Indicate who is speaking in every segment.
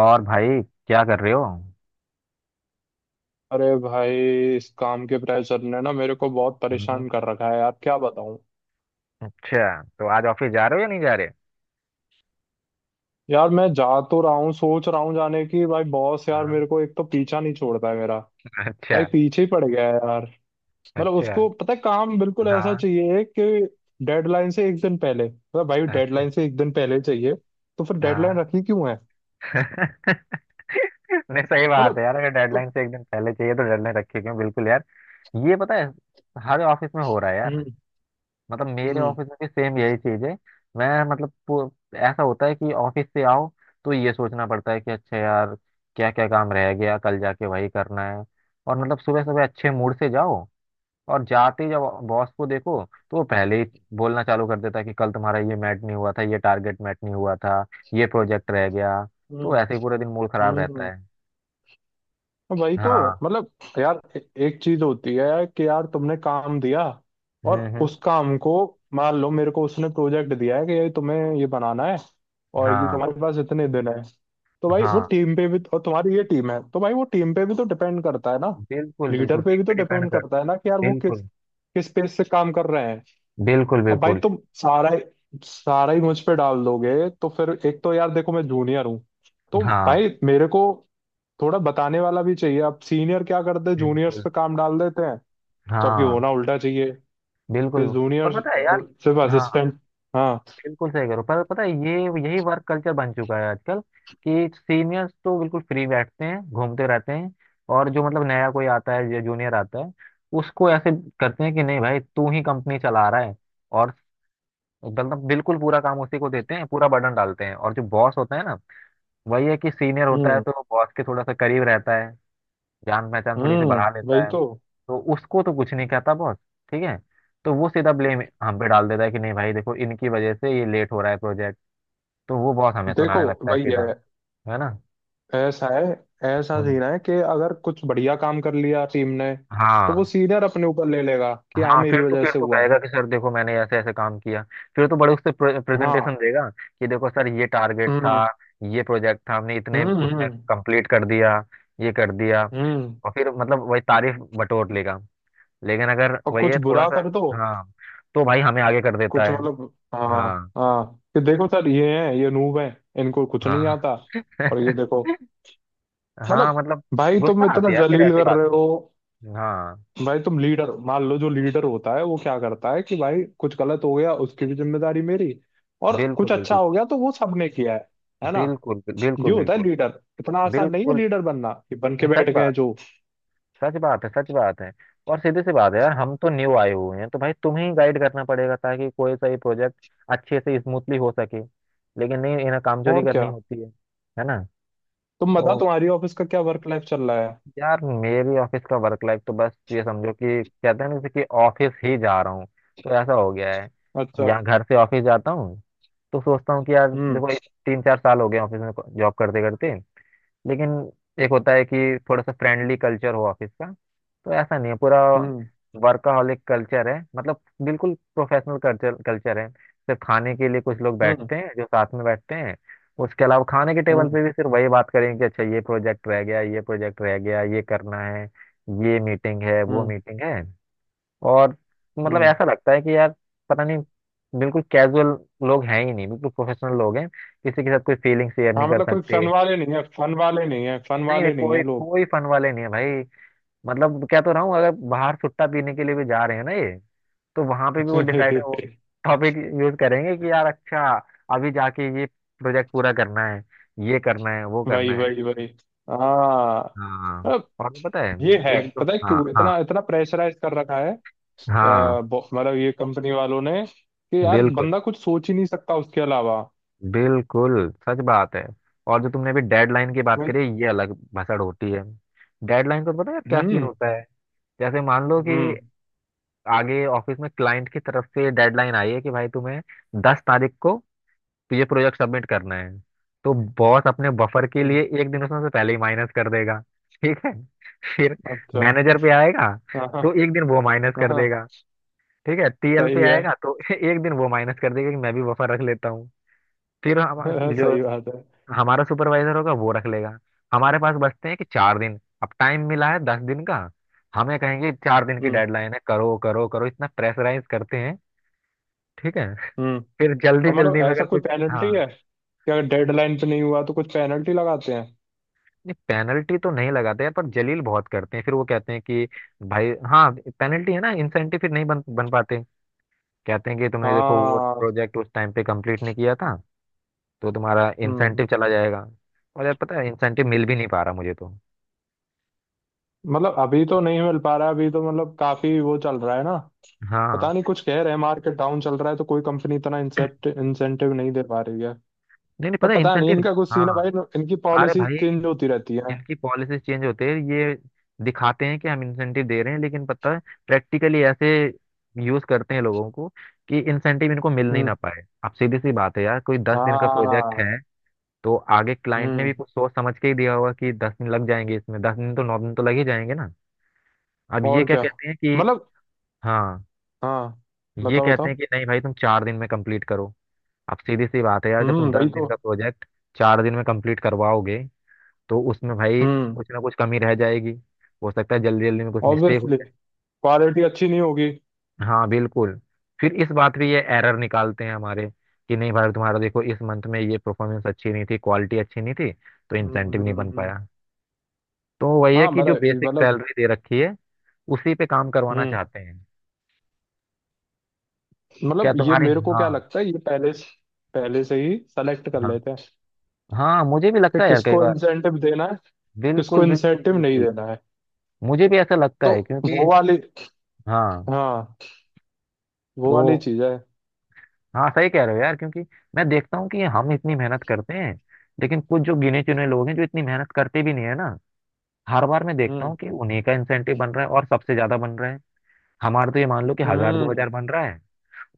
Speaker 1: और भाई, क्या कर रहे हो?
Speaker 2: अरे भाई। इस काम के प्रेशर ने ना मेरे को बहुत
Speaker 1: हम्म।
Speaker 2: परेशान कर रखा है यार, क्या बताऊं।
Speaker 1: अच्छा, तो आज ऑफिस जा रहे हो या नहीं जा रहे?
Speaker 2: यार मैं जा तो रहा हूँ, सोच रहा हूँ जाने की। भाई बॉस यार
Speaker 1: हाँ।
Speaker 2: मेरे को एक तो पीछा नहीं छोड़ता है मेरा। भाई
Speaker 1: अच्छा।
Speaker 2: पीछे ही पड़ गया है यार। मतलब
Speaker 1: अच्छा।
Speaker 2: उसको पता है काम बिल्कुल ऐसा
Speaker 1: हाँ।
Speaker 2: चाहिए कि डेडलाइन से एक दिन पहले, मतलब भाई
Speaker 1: अच्छा।
Speaker 2: डेडलाइन से एक दिन पहले चाहिए। तो फिर डेडलाइन
Speaker 1: हाँ।
Speaker 2: रखी क्यों है?
Speaker 1: नहीं, सही बात है
Speaker 2: मतलब।
Speaker 1: यार। अगर
Speaker 2: तो।
Speaker 1: डेडलाइन से एक दिन पहले चाहिए तो डेडलाइन रखी क्यों? बिल्कुल यार। ये पता है, हर ऑफिस में हो रहा है यार।
Speaker 2: हम्म।
Speaker 1: मतलब मेरे
Speaker 2: हम्म।
Speaker 1: ऑफिस में भी सेम यही चीज है। मैं मतलब ऐसा होता है कि ऑफिस से आओ तो ये सोचना पड़ता है कि अच्छा यार, क्या क्या काम रह गया, कल जाके वही करना है। और मतलब सुबह सुबह अच्छे मूड से जाओ, और जाते ही जब बॉस को देखो तो वो पहले ही बोलना चालू कर देता है कि कल तुम्हारा ये मैट नहीं हुआ था, ये टारगेट मैट नहीं हुआ था, ये प्रोजेक्ट रह गया। तो
Speaker 2: हम्म।
Speaker 1: ऐसे ही पूरा दिन मूड खराब रहता
Speaker 2: हम्म।
Speaker 1: है।
Speaker 2: वही तो
Speaker 1: हाँ।
Speaker 2: मतलब। यार एक चीज होती है कि यार तुमने काम दिया और
Speaker 1: हम्म।
Speaker 2: उस काम को, मान लो मेरे को उसने प्रोजेक्ट दिया है कि ये तुम्हें ये बनाना है और ये
Speaker 1: हाँ।
Speaker 2: तुम्हारे पास इतने दिन है। तो भाई वो
Speaker 1: हाँ,
Speaker 2: टीम पे भी तो, और तुम्हारी ये टीम है तो भाई वो टीम पे भी तो डिपेंड करता है ना।
Speaker 1: बिल्कुल
Speaker 2: लीडर
Speaker 1: बिल्कुल,
Speaker 2: पे
Speaker 1: टीम
Speaker 2: भी तो
Speaker 1: पे डिपेंड
Speaker 2: डिपेंड
Speaker 1: कर।
Speaker 2: करता है ना कि यार वो किस
Speaker 1: बिल्कुल
Speaker 2: किस पेस से काम कर रहे हैं।
Speaker 1: बिल्कुल
Speaker 2: अब भाई
Speaker 1: बिल्कुल।
Speaker 2: तुम सारा ही मुझ पे डाल दोगे तो फिर एक तो यार देखो मैं जूनियर हूँ, तो
Speaker 1: हाँ।
Speaker 2: भाई मेरे को थोड़ा बताने वाला भी चाहिए। अब सीनियर क्या करते हैं? जूनियर्स
Speaker 1: बिल्कुल।
Speaker 2: पे काम डाल देते हैं। जबकि
Speaker 1: हाँ।
Speaker 2: होना उल्टा चाहिए
Speaker 1: बिल्कुल।
Speaker 2: कि जूनियर
Speaker 1: पर पता है यार।
Speaker 2: सिर्फ
Speaker 1: हाँ।
Speaker 2: असिस्टेंट। हाँ।
Speaker 1: बिल्कुल सही करो, पर पता है ये यही वर्क कल्चर बन चुका है आजकल। कि सीनियर्स तो बिल्कुल फ्री बैठते हैं, घूमते रहते हैं, और जो मतलब नया कोई आता है या जूनियर आता है उसको ऐसे करते हैं कि नहीं भाई तू ही कंपनी चला रहा है। और मतलब बिल्कुल पूरा काम उसी को देते हैं, पूरा बर्डन डालते हैं। और जो बॉस होता है ना, वही है कि सीनियर होता है
Speaker 2: हम्म।
Speaker 1: तो बॉस के थोड़ा सा करीब रहता है, जान पहचान थोड़ी सी बढ़ा लेता
Speaker 2: वही
Speaker 1: है,
Speaker 2: तो।
Speaker 1: तो उसको तो कुछ नहीं कहता बॉस। ठीक है। तो वो सीधा ब्लेम हम पे डाल देता है कि नहीं भाई देखो, इनकी वजह से ये लेट हो रहा है प्रोजेक्ट। तो वो बहुत हमें
Speaker 2: देखो
Speaker 1: सुनाने लगता है
Speaker 2: वही
Speaker 1: सीधा।
Speaker 2: है।
Speaker 1: है ना।
Speaker 2: ऐसा है, ऐसा
Speaker 1: हम्म।
Speaker 2: सीन है कि अगर कुछ बढ़िया काम कर लिया टीम ने तो वो
Speaker 1: हाँ।
Speaker 2: सीनियर अपने ऊपर ले लेगा कि हाँ
Speaker 1: हाँ, फिर
Speaker 2: मेरी
Speaker 1: तो
Speaker 2: वजह
Speaker 1: फिर
Speaker 2: से
Speaker 1: तो
Speaker 2: हुआ है।
Speaker 1: कहेगा कि सर देखो मैंने ऐसे ऐसे काम किया। फिर तो बड़े उससे प्रेजेंटेशन
Speaker 2: हाँ।
Speaker 1: देगा कि देखो सर ये टारगेट था,
Speaker 2: हम्म।
Speaker 1: ये प्रोजेक्ट था, हमने इतने
Speaker 2: हम्म।
Speaker 1: उसमें
Speaker 2: हम्म।
Speaker 1: कंप्लीट कर दिया, ये कर दिया।
Speaker 2: हम्म।
Speaker 1: और फिर मतलब वही तारीफ बटोर लेगा। लेकिन अगर
Speaker 2: और
Speaker 1: वही
Speaker 2: कुछ
Speaker 1: है थोड़ा
Speaker 2: बुरा
Speaker 1: सा,
Speaker 2: कर दो।
Speaker 1: हाँ, तो भाई हमें आगे कर देता
Speaker 2: कुछ
Speaker 1: है।
Speaker 2: मतलब, हाँ।
Speaker 1: हाँ।
Speaker 2: हाँ कि देखो सर ये हैं, ये नूब हैं, इनको कुछ नहीं
Speaker 1: हाँ।
Speaker 2: आता। और ये देखो।
Speaker 1: हाँ
Speaker 2: मतलब।
Speaker 1: मतलब
Speaker 2: भाई तुम
Speaker 1: गुस्सा आती
Speaker 2: इतना
Speaker 1: है यार फिर
Speaker 2: जलील
Speaker 1: ऐसी
Speaker 2: कर
Speaker 1: बात।
Speaker 2: रहे हो।
Speaker 1: हाँ।
Speaker 2: भाई तुम लीडर मान लो, जो लीडर होता है वो क्या करता है कि भाई कुछ गलत हो गया उसकी भी जिम्मेदारी मेरी, और
Speaker 1: बिल्कुल
Speaker 2: कुछ अच्छा
Speaker 1: बिल्कुल
Speaker 2: हो गया तो वो सबने किया है ना?
Speaker 1: बिल्कुल।
Speaker 2: ये
Speaker 1: बिल्कुल
Speaker 2: होता है
Speaker 1: बिल्कुल
Speaker 2: लीडर। इतना आसान नहीं है
Speaker 1: बिल्कुल।
Speaker 2: लीडर बनना, कि बन के
Speaker 1: नहीं,
Speaker 2: बैठ
Speaker 1: सच
Speaker 2: गए
Speaker 1: बात।
Speaker 2: हैं जो।
Speaker 1: सच बात है, सच बात है। और सीधी सी बात है यार, हम तो न्यू आए हुए हैं, तो भाई तुम्हें ही गाइड करना पड़ेगा ताकि कोई सा ये प्रोजेक्ट अच्छे से स्मूथली हो सके। लेकिन नहीं, इन्हें कामचोरी
Speaker 2: और क्या,
Speaker 1: करनी होती है। है ना।
Speaker 2: तुम बताओ
Speaker 1: तो
Speaker 2: तुम्हारी ऑफिस का क्या वर्क लाइफ चल रहा है?
Speaker 1: यार मेरी ऑफिस का वर्क लाइफ तो बस ये समझो कि कहते हैं ना, जैसे कि ऑफिस ही जा रहा हूँ, तो ऐसा हो गया है।
Speaker 2: अच्छा।
Speaker 1: यहाँ घर से ऑफिस जाता हूँ तो सोचता हूँ कि यार
Speaker 2: हम्म।
Speaker 1: देखो, ये 3 4 साल हो गए ऑफिस में जॉब करते करते। लेकिन एक होता है कि थोड़ा सा फ्रेंडली कल्चर हो ऑफिस का, तो ऐसा नहीं है। पूरा
Speaker 2: हम्म।
Speaker 1: वर्कaholic कल्चर है मतलब, बिल्कुल प्रोफेशनल कल्चर कल्चर है। सिर्फ खाने के लिए कुछ लोग
Speaker 2: हम्म।
Speaker 1: बैठते हैं जो साथ में बैठते हैं। उसके अलावा खाने के टेबल
Speaker 2: हम्म।
Speaker 1: पे भी सिर्फ वही बात करेंगे कि अच्छा ये प्रोजेक्ट रह गया, ये प्रोजेक्ट रह गया, ये करना है, ये मीटिंग है, वो
Speaker 2: हम्म।
Speaker 1: मीटिंग है। और मतलब
Speaker 2: हम्म।
Speaker 1: ऐसा लगता है कि यार पता नहीं, बिल्कुल कैजुअल लोग हैं ही नहीं, बिल्कुल प्रोफेशनल लोग हैं, किसी के साथ कोई फीलिंग शेयर
Speaker 2: हाँ
Speaker 1: नहीं कर
Speaker 2: मतलब कोई फन
Speaker 1: सकते।
Speaker 2: वाले नहीं है, फन वाले नहीं है, फन
Speaker 1: नहीं नहीं,
Speaker 2: वाले नहीं
Speaker 1: कोई
Speaker 2: है लोग।
Speaker 1: कोई फन वाले नहीं है भाई। मतलब क्या तो रहा हूँ, अगर बाहर सुट्टा पीने के लिए भी जा रहे हैं ना ये, तो वहां पे भी वो डिसाइड वो टॉपिक यूज करेंगे कि यार अच्छा अभी जाके ये प्रोजेक्ट पूरा करना है, ये करना है, वो करना
Speaker 2: वही
Speaker 1: है।
Speaker 2: वही वही। हाँ,
Speaker 1: हाँ।
Speaker 2: अब
Speaker 1: और पता है,
Speaker 2: ये है।
Speaker 1: एक दो
Speaker 2: पता है
Speaker 1: हाँ
Speaker 2: क्यों
Speaker 1: हाँ।
Speaker 2: इतना इतना प्रेशराइज कर रखा है
Speaker 1: हाँ।
Speaker 2: मतलब ये कंपनी वालों ने, कि यार
Speaker 1: बिल्कुल
Speaker 2: बंदा कुछ सोच ही नहीं सकता उसके अलावा।
Speaker 1: बिल्कुल, सच बात है। और जो तुमने अभी डेडलाइन की बात
Speaker 2: वही।
Speaker 1: करी, ये अलग भसड़ होती है। डेडलाइन को तो पता है क्या सीन
Speaker 2: हम्म।
Speaker 1: होता है? जैसे मान लो कि
Speaker 2: हम्म।
Speaker 1: आगे ऑफिस में क्लाइंट की तरफ से डेडलाइन आई है कि भाई तुम्हें 10 तारीख को ये प्रोजेक्ट सबमिट करना है, तो बॉस अपने बफर के
Speaker 2: हम्म,
Speaker 1: लिए एक दिन उसमें से पहले ही माइनस कर देगा। ठीक है। फिर
Speaker 2: अच्छा।
Speaker 1: मैनेजर पे आएगा,
Speaker 2: हाँ।
Speaker 1: तो
Speaker 2: हाँ।
Speaker 1: एक दिन वो माइनस कर
Speaker 2: हाँ,
Speaker 1: देगा। ठीक है। टीएल
Speaker 2: सही
Speaker 1: पे
Speaker 2: है।
Speaker 1: आएगा तो एक दिन वो माइनस कर देगा कि मैं भी बफर रख लेता हूँ। फिर हम जो
Speaker 2: सही बात है।
Speaker 1: हमारा सुपरवाइजर होगा, वो रख लेगा। हमारे पास बचते हैं कि चार दिन। अब टाइम मिला है 10 दिन का, हमें कहेंगे 4 दिन की
Speaker 2: हम्म।
Speaker 1: डेडलाइन है। करो करो करो, इतना प्रेशराइज करते हैं। ठीक है।
Speaker 2: हम्म।
Speaker 1: फिर जल्दी
Speaker 2: और मतलब
Speaker 1: जल्दी में
Speaker 2: ऐसा
Speaker 1: अगर
Speaker 2: कोई
Speaker 1: कुछ। हाँ।
Speaker 2: पेनल्टी है कि अगर डेडलाइन पे नहीं हुआ तो कुछ पेनल्टी लगाते हैं?
Speaker 1: नहीं पेनल्टी तो नहीं लगाते हैं, पर जलील बहुत करते हैं। फिर वो कहते हैं कि भाई, हाँ पेनल्टी है ना, इंसेंटिव फिर नहीं बन बन पाते। कहते हैं कि तुमने देखो वो
Speaker 2: हाँ।
Speaker 1: प्रोजेक्ट उस टाइम पे कंप्लीट नहीं किया था, तो तुम्हारा
Speaker 2: हम्म।
Speaker 1: इंसेंटिव चला जाएगा। और यार पता है, इंसेंटिव मिल भी नहीं पा रहा मुझे तो।
Speaker 2: मतलब अभी तो नहीं मिल पा रहा है, अभी तो मतलब काफी वो चल रहा है ना।
Speaker 1: हाँ।
Speaker 2: पता नहीं, कुछ कह रहे हैं मार्केट डाउन चल रहा है तो कोई कंपनी इतना इंसेप्ट इंसेंटिव नहीं दे पा रही है।
Speaker 1: नहीं नहीं,
Speaker 2: पर
Speaker 1: पता है
Speaker 2: पता नहीं
Speaker 1: इंसेंटिव।
Speaker 2: इनका कुछ सीन है
Speaker 1: हाँ।
Speaker 2: भाई, इनकी
Speaker 1: अरे
Speaker 2: पॉलिसी
Speaker 1: भाई,
Speaker 2: चेंज होती रहती है।
Speaker 1: इनकी पॉलिसी चेंज होती है। ये दिखाते हैं कि हम इंसेंटिव दे रहे हैं, लेकिन पता है, प्रैक्टिकली ऐसे यूज करते हैं लोगों को कि इंसेंटिव इनको मिल नहीं ना
Speaker 2: हम्म।
Speaker 1: पाए। अब सीधी सी बात है यार, कोई 10 दिन का प्रोजेक्ट
Speaker 2: हाँ।
Speaker 1: है, तो आगे क्लाइंट ने भी
Speaker 2: हम्म।
Speaker 1: कुछ सोच समझ के ही दिया होगा कि 10 दिन लग जाएंगे इसमें, दस दिन तो 9 दिन तो लग ही जाएंगे ना। अब ये
Speaker 2: और
Speaker 1: क्या
Speaker 2: क्या।
Speaker 1: कहते हैं कि,
Speaker 2: मतलब,
Speaker 1: हाँ,
Speaker 2: हाँ।
Speaker 1: ये
Speaker 2: बताओ
Speaker 1: कहते हैं
Speaker 2: बताओ।
Speaker 1: कि नहीं भाई तुम 4 दिन में कंप्लीट करो। अब सीधी सी बात है यार, जब तुम दस
Speaker 2: वही
Speaker 1: दिन
Speaker 2: तो।
Speaker 1: का प्रोजेक्ट 4 दिन में कंप्लीट करवाओगे तो उसमें भाई
Speaker 2: हम्म।
Speaker 1: कुछ ना कुछ कमी रह जाएगी। हो सकता है जल्दी जल्दी में कुछ मिस्टेक हो
Speaker 2: ऑब्वियसली
Speaker 1: जाए।
Speaker 2: क्वालिटी अच्छी नहीं होगी।
Speaker 1: हाँ बिल्कुल। फिर इस बात पे ये एरर निकालते हैं हमारे, कि नहीं भाई तुम्हारा देखो इस मंथ में ये परफॉर्मेंस अच्छी नहीं थी, क्वालिटी अच्छी नहीं थी, तो
Speaker 2: हम्म।
Speaker 1: इंसेंटिव नहीं
Speaker 2: हम्म।
Speaker 1: बन
Speaker 2: हम्म।
Speaker 1: पाया। तो वही है
Speaker 2: हाँ
Speaker 1: कि जो
Speaker 2: मतलब,
Speaker 1: बेसिक सैलरी दे रखी है, उसी पे काम करवाना
Speaker 2: हम्म।
Speaker 1: चाहते हैं। क्या
Speaker 2: मतलब ये
Speaker 1: तुम्हारे,
Speaker 2: मेरे को क्या
Speaker 1: हाँ।
Speaker 2: लगता है, ये पहले से ही सेलेक्ट कर
Speaker 1: हाँ।
Speaker 2: लेते हैं
Speaker 1: हाँ मुझे भी
Speaker 2: कि
Speaker 1: लगता है यार, कई
Speaker 2: किसको
Speaker 1: बार।
Speaker 2: इंसेंटिव देना है,
Speaker 1: बिल्कुल
Speaker 2: किसको
Speaker 1: बिल्कुल
Speaker 2: इंसेंटिव नहीं
Speaker 1: बिल्कुल।
Speaker 2: देना है।
Speaker 1: मुझे भी ऐसा लगता
Speaker 2: तो
Speaker 1: है
Speaker 2: वो
Speaker 1: क्योंकि,
Speaker 2: वाली,
Speaker 1: हाँ।
Speaker 2: हाँ, वो
Speaker 1: तो
Speaker 2: वाली चीज है।
Speaker 1: हाँ, सही कह रहे हो यार, क्योंकि मैं देखता हूँ कि हम इतनी मेहनत करते हैं, लेकिन कुछ जो गिने चुने लोग हैं जो इतनी मेहनत करते भी नहीं है ना। हर बार मैं देखता
Speaker 2: हम्म।
Speaker 1: हूँ कि उन्हीं का इंसेंटिव बन रहा है, और सबसे ज्यादा बन रहा है। हमारा तो ये मान लो कि हजार दो
Speaker 2: हम्म।
Speaker 1: हजार बन रहा है,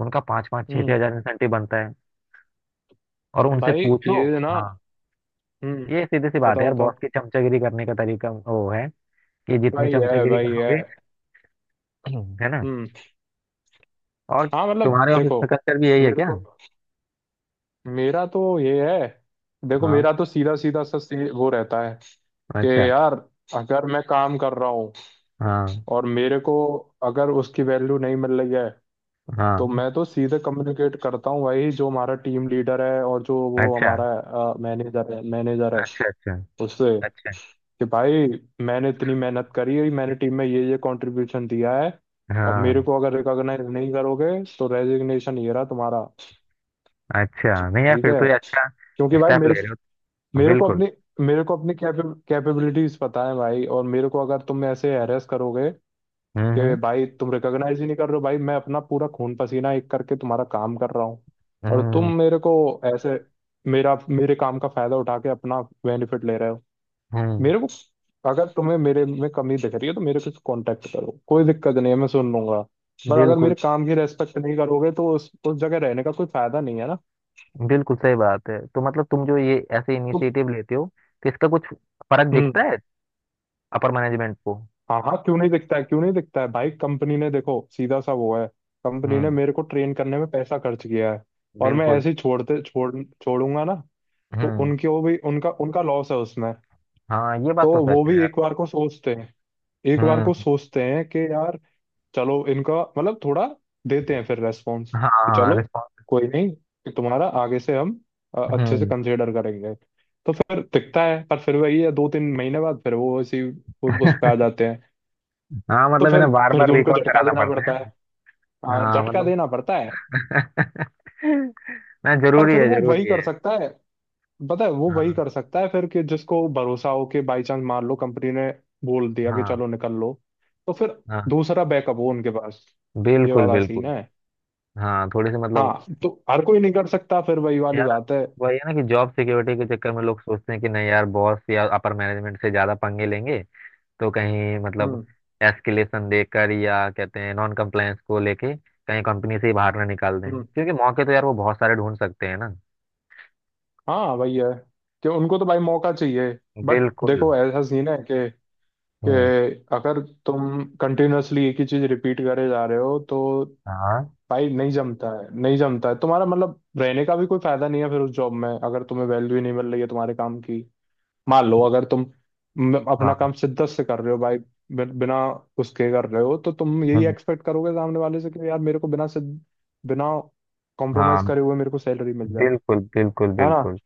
Speaker 1: उनका पाँच पाँच छह छह
Speaker 2: हम्म।
Speaker 1: हजार इंसेंटिव बनता है। और उनसे
Speaker 2: भाई
Speaker 1: पूछो,
Speaker 2: ये ना।
Speaker 1: हाँ,
Speaker 2: हम्म।
Speaker 1: ये सीधी सी बात है
Speaker 2: बताओ
Speaker 1: यार,
Speaker 2: बताओ।
Speaker 1: बॉस की चमचागिरी करने का तरीका वो है कि जितनी
Speaker 2: भाई है,
Speaker 1: चमचागिरी
Speaker 2: भाई है।
Speaker 1: करोगे। है ना।
Speaker 2: हम्म।
Speaker 1: और
Speaker 2: हाँ मतलब
Speaker 1: तुम्हारे ऑफिस
Speaker 2: देखो,
Speaker 1: का कल्चर भी यही है
Speaker 2: मेरे
Speaker 1: क्या?
Speaker 2: को, मेरा तो ये है। देखो
Speaker 1: हाँ।
Speaker 2: मेरा तो सीधा सीधा सा वो रहता है कि
Speaker 1: अच्छा।
Speaker 2: यार अगर मैं काम कर रहा हूँ
Speaker 1: हाँ।
Speaker 2: और मेरे को अगर उसकी वैल्यू नहीं मिल रही है तो
Speaker 1: हाँ।
Speaker 2: मैं तो सीधे कम्युनिकेट करता हूँ भाई, जो हमारा टीम लीडर है और जो वो
Speaker 1: अच्छा
Speaker 2: हमारा मैनेजर है,
Speaker 1: अच्छा। अच्छा।
Speaker 2: उससे,
Speaker 1: अच्छा।
Speaker 2: कि भाई मैंने इतनी मेहनत करी है, मैंने टीम में ये कंट्रीब्यूशन दिया है और मेरे
Speaker 1: हाँ।
Speaker 2: को अगर रिकॉग्नाइज नहीं करोगे तो रेजिग्नेशन ये रहा तुम्हारा।
Speaker 1: अच्छा नहीं यार,
Speaker 2: ठीक
Speaker 1: फिर तो
Speaker 2: है?
Speaker 1: ये अच्छा
Speaker 2: क्योंकि भाई
Speaker 1: स्टेप
Speaker 2: मेरे
Speaker 1: ले रहे हो
Speaker 2: मेरे को
Speaker 1: बिल्कुल।
Speaker 2: अपनी मेरे को अपनी कैपेबिलिटीज पता है भाई, और मेरे को अगर तुम ऐसे हैरेस करोगे कि
Speaker 1: हम्म
Speaker 2: भाई तुम रिकॉग्नाइज ही नहीं कर रहे हो, भाई मैं अपना पूरा खून पसीना एक करके तुम्हारा काम कर रहा हूँ और तुम
Speaker 1: हम्म।
Speaker 2: मेरे को ऐसे मेरा मेरे काम का फायदा उठा के अपना बेनिफिट ले रहे हो।
Speaker 1: हम्म हम्म,
Speaker 2: मेरे को अगर तुम्हें मेरे में कमी दिख रही है तो मेरे से कांटेक्ट करो, कोई दिक्कत नहीं है, मैं सुन लूंगा। पर अगर
Speaker 1: बिल्कुल।
Speaker 2: मेरे काम की रेस्पेक्ट नहीं करोगे तो उस जगह रहने का कोई फायदा नहीं है ना।
Speaker 1: बिल्कुल सही बात है। तो मतलब तुम जो ये ऐसे
Speaker 2: तुम
Speaker 1: इनिशिएटिव लेते हो, तो इसका कुछ फर्क
Speaker 2: हम्म।
Speaker 1: दिखता है अपर मैनेजमेंट को?
Speaker 2: हाँ हाँ, क्यों नहीं दिखता है, क्यों नहीं दिखता है भाई। कंपनी ने देखो सीधा सा वो है, कंपनी ने
Speaker 1: हम्म।
Speaker 2: मेरे को ट्रेन करने में पैसा खर्च किया है और मैं
Speaker 1: बिल्कुल।
Speaker 2: ऐसे ही छोड़ते छोड़ छोड़ूंगा ना, तो
Speaker 1: हम्म।
Speaker 2: उनके, वो भी उनका उनका लॉस है उसमें।
Speaker 1: हाँ, ये
Speaker 2: तो
Speaker 1: बात तो सच
Speaker 2: वो
Speaker 1: है
Speaker 2: भी
Speaker 1: यार।
Speaker 2: एक बार को सोचते हैं, एक बार को
Speaker 1: हम्म।
Speaker 2: सोचते हैं कि यार चलो इनका, मतलब थोड़ा देते हैं फिर रेस्पॉन्स,
Speaker 1: हाँ
Speaker 2: कि
Speaker 1: हाँ
Speaker 2: चलो
Speaker 1: रिस्पॉन्स।
Speaker 2: कोई नहीं, कि तुम्हारा आगे से हम अच्छे से
Speaker 1: हम्म।
Speaker 2: कंसिडर करेंगे। तो फिर दिखता है पर फिर वही है, 2 3 महीने बाद फिर वो इसी उस पे आ जाते हैं।
Speaker 1: हाँ,
Speaker 2: तो
Speaker 1: मतलब इन्हें बार
Speaker 2: फिर
Speaker 1: बार
Speaker 2: तो उनको
Speaker 1: रिकॉल
Speaker 2: झटका
Speaker 1: कराना
Speaker 2: देना
Speaker 1: पड़ता है।
Speaker 2: पड़ता है, हाँ
Speaker 1: हाँ
Speaker 2: झटका
Speaker 1: मतलब
Speaker 2: देना पड़ता है।
Speaker 1: ना,
Speaker 2: पर
Speaker 1: जरूरी
Speaker 2: फिर
Speaker 1: है,
Speaker 2: वो वही
Speaker 1: जरूरी
Speaker 2: कर
Speaker 1: है।
Speaker 2: सकता है, पता है वो वही
Speaker 1: हाँ।
Speaker 2: कर सकता है फिर, कि जिसको भरोसा हो कि बाई चांस मान लो कंपनी ने बोल दिया कि
Speaker 1: हाँ।
Speaker 2: चलो निकल लो, तो फिर
Speaker 1: हाँ।
Speaker 2: दूसरा बैकअप हो उनके पास। ये
Speaker 1: बिल्कुल
Speaker 2: वाला सीन
Speaker 1: बिल्कुल।
Speaker 2: है।
Speaker 1: हाँ थोड़ी सी मतलब,
Speaker 2: हाँ, तो हर कोई नहीं कर सकता, फिर वही वाली
Speaker 1: यार
Speaker 2: बात है।
Speaker 1: वही है ना कि जॉब सिक्योरिटी के चक्कर में लोग सोचते हैं कि नहीं यार, बॉस या अपर मैनेजमेंट से ज्यादा पंगे लेंगे तो कहीं मतलब
Speaker 2: हम्म।
Speaker 1: एस्केलेशन देकर या कहते हैं नॉन कंप्लायंस को लेके कहीं कंपनी से ही बाहर ना निकाल दें,
Speaker 2: हम्म।
Speaker 1: क्योंकि मौके तो यार वो बहुत सारे ढूंढ सकते हैं ना।
Speaker 2: हाँ वही है, कि उनको तो भाई मौका चाहिए। बट
Speaker 1: बिल्कुल।
Speaker 2: देखो ऐसा सीन है कि कि
Speaker 1: हम्म।
Speaker 2: अगर तुम कंटिन्यूअसली एक ही चीज रिपीट करे जा रहे हो तो
Speaker 1: हाँ।
Speaker 2: भाई नहीं जमता है, नहीं जमता है तुम्हारा, मतलब रहने का भी कोई फायदा नहीं है फिर उस जॉब में, अगर तुम्हें वैल्यू ही नहीं मिल रही है तुम्हारे काम की। मान लो अगर तुम
Speaker 1: हाँ।
Speaker 2: अपना काम शिद्दत से कर रहे हो भाई, बिना उसके कर रहे हो, तो तुम यही
Speaker 1: हम्म।
Speaker 2: एक्सपेक्ट करोगे सामने वाले से, कि यार मेरे को बिना कॉम्प्रोमाइज
Speaker 1: हाँ
Speaker 2: करे हुए मेरे को सैलरी मिल जाए।
Speaker 1: बिल्कुल बिल्कुल
Speaker 2: है ना?
Speaker 1: बिल्कुल।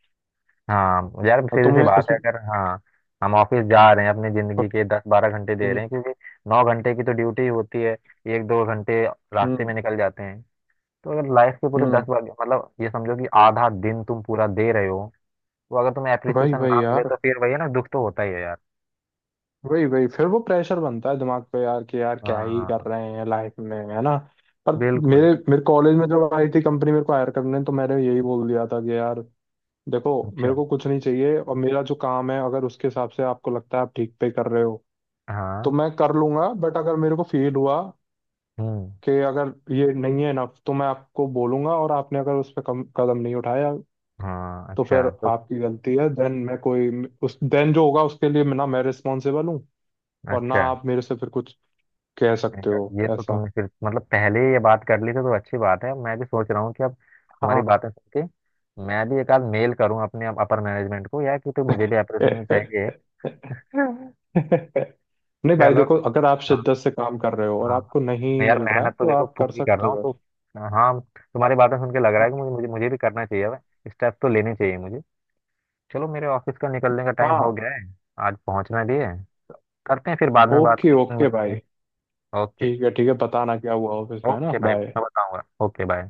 Speaker 1: हाँ यार,
Speaker 2: और
Speaker 1: सीधी सी
Speaker 2: तुम्हें
Speaker 1: बात है,
Speaker 2: उसमें
Speaker 1: अगर हाँ हम ऑफिस जा रहे हैं अपनी जिंदगी
Speaker 2: और-
Speaker 1: के 10 12 घंटे दे
Speaker 2: हम्म।
Speaker 1: रहे हैं, क्योंकि 9 घंटे की तो ड्यूटी होती है, 1 2 घंटे रास्ते
Speaker 2: हम्म।
Speaker 1: में निकल जाते हैं, तो अगर लाइफ के पूरे दस
Speaker 2: हम्म,
Speaker 1: बार मतलब ये समझो कि आधा दिन तुम पूरा दे रहे हो, तो अगर तुम्हें
Speaker 2: भाई
Speaker 1: अप्रिसिएशन
Speaker 2: भाई
Speaker 1: ना मिले
Speaker 2: यार।
Speaker 1: तो फिर वही है ना, दुख तो होता ही है यार।
Speaker 2: वही वही फिर वो प्रेशर बनता है दिमाग पे यार, कि यार क्या ही कर
Speaker 1: हाँ।
Speaker 2: रहे हैं लाइफ में, है ना? पर
Speaker 1: बिल्कुल।
Speaker 2: मेरे मेरे कॉलेज में जब आई थी कंपनी मेरे को हायर करने, तो मैंने यही बोल दिया था कि यार देखो, मेरे
Speaker 1: अच्छा।
Speaker 2: को कुछ नहीं चाहिए और मेरा जो काम है अगर उसके हिसाब से आपको लगता है आप ठीक पे कर रहे हो तो
Speaker 1: हाँ।
Speaker 2: मैं कर लूंगा, बट अगर मेरे को फील हुआ
Speaker 1: हम्म।
Speaker 2: कि अगर ये नहीं है इनफ तो मैं आपको बोलूंगा, और आपने अगर उस पर कम कदम नहीं उठाया
Speaker 1: हाँ।
Speaker 2: तो फिर
Speaker 1: अच्छा। तो
Speaker 2: आपकी गलती है। देन मैं कोई उस देन जो होगा उसके लिए ना मैं रिस्पॉन्सिबल हूँ, और ना
Speaker 1: अच्छा,
Speaker 2: आप मेरे से फिर कुछ कह
Speaker 1: नहीं
Speaker 2: सकते
Speaker 1: यार
Speaker 2: हो
Speaker 1: ये तो
Speaker 2: ऐसा।
Speaker 1: तुमने फिर मतलब पहले ही ये बात कर ली थी, तो अच्छी बात है। मैं भी सोच रहा हूँ कि अब तुम्हारी
Speaker 2: हाँ।
Speaker 1: बातें सुन के मैं भी एक आध मेल करूँ अपने अपर मैनेजमेंट को यार, कि तो मुझे भी अप्रिसिएशन चाहिए।
Speaker 2: नहीं भाई
Speaker 1: चलो
Speaker 2: देखो,
Speaker 1: फिर।
Speaker 2: अगर आप
Speaker 1: हाँ।
Speaker 2: शिद्दत से काम कर रहे हो और आपको
Speaker 1: हाँ।
Speaker 2: नहीं
Speaker 1: यार
Speaker 2: मिल रहा है
Speaker 1: मेहनत तो
Speaker 2: तो
Speaker 1: देखो
Speaker 2: आप कर
Speaker 1: पूरी कर
Speaker 2: सकते
Speaker 1: रहा हूँ,
Speaker 2: हो।
Speaker 1: तो हाँ, तुम्हारी बातें सुन के लग रहा
Speaker 2: हाँ।
Speaker 1: है कि मुझे मुझे, मुझे भी करना चाहिए अब। स्टेप तो लेने चाहिए मुझे। चलो, मेरे ऑफिस का निकलने का टाइम हो
Speaker 2: हाँ।
Speaker 1: गया है, आज पहुंचना भी है। करते हैं, फिर बाद में बात
Speaker 2: ओके
Speaker 1: करते हैं,
Speaker 2: ओके
Speaker 1: मिलते
Speaker 2: भाई।
Speaker 1: हैं। ओके
Speaker 2: ठीक है, ठीक है, बताना क्या हुआ ऑफिस में, है ना।
Speaker 1: ओके भाई।
Speaker 2: बाय।
Speaker 1: मैं बताऊंगा, ओके बाय।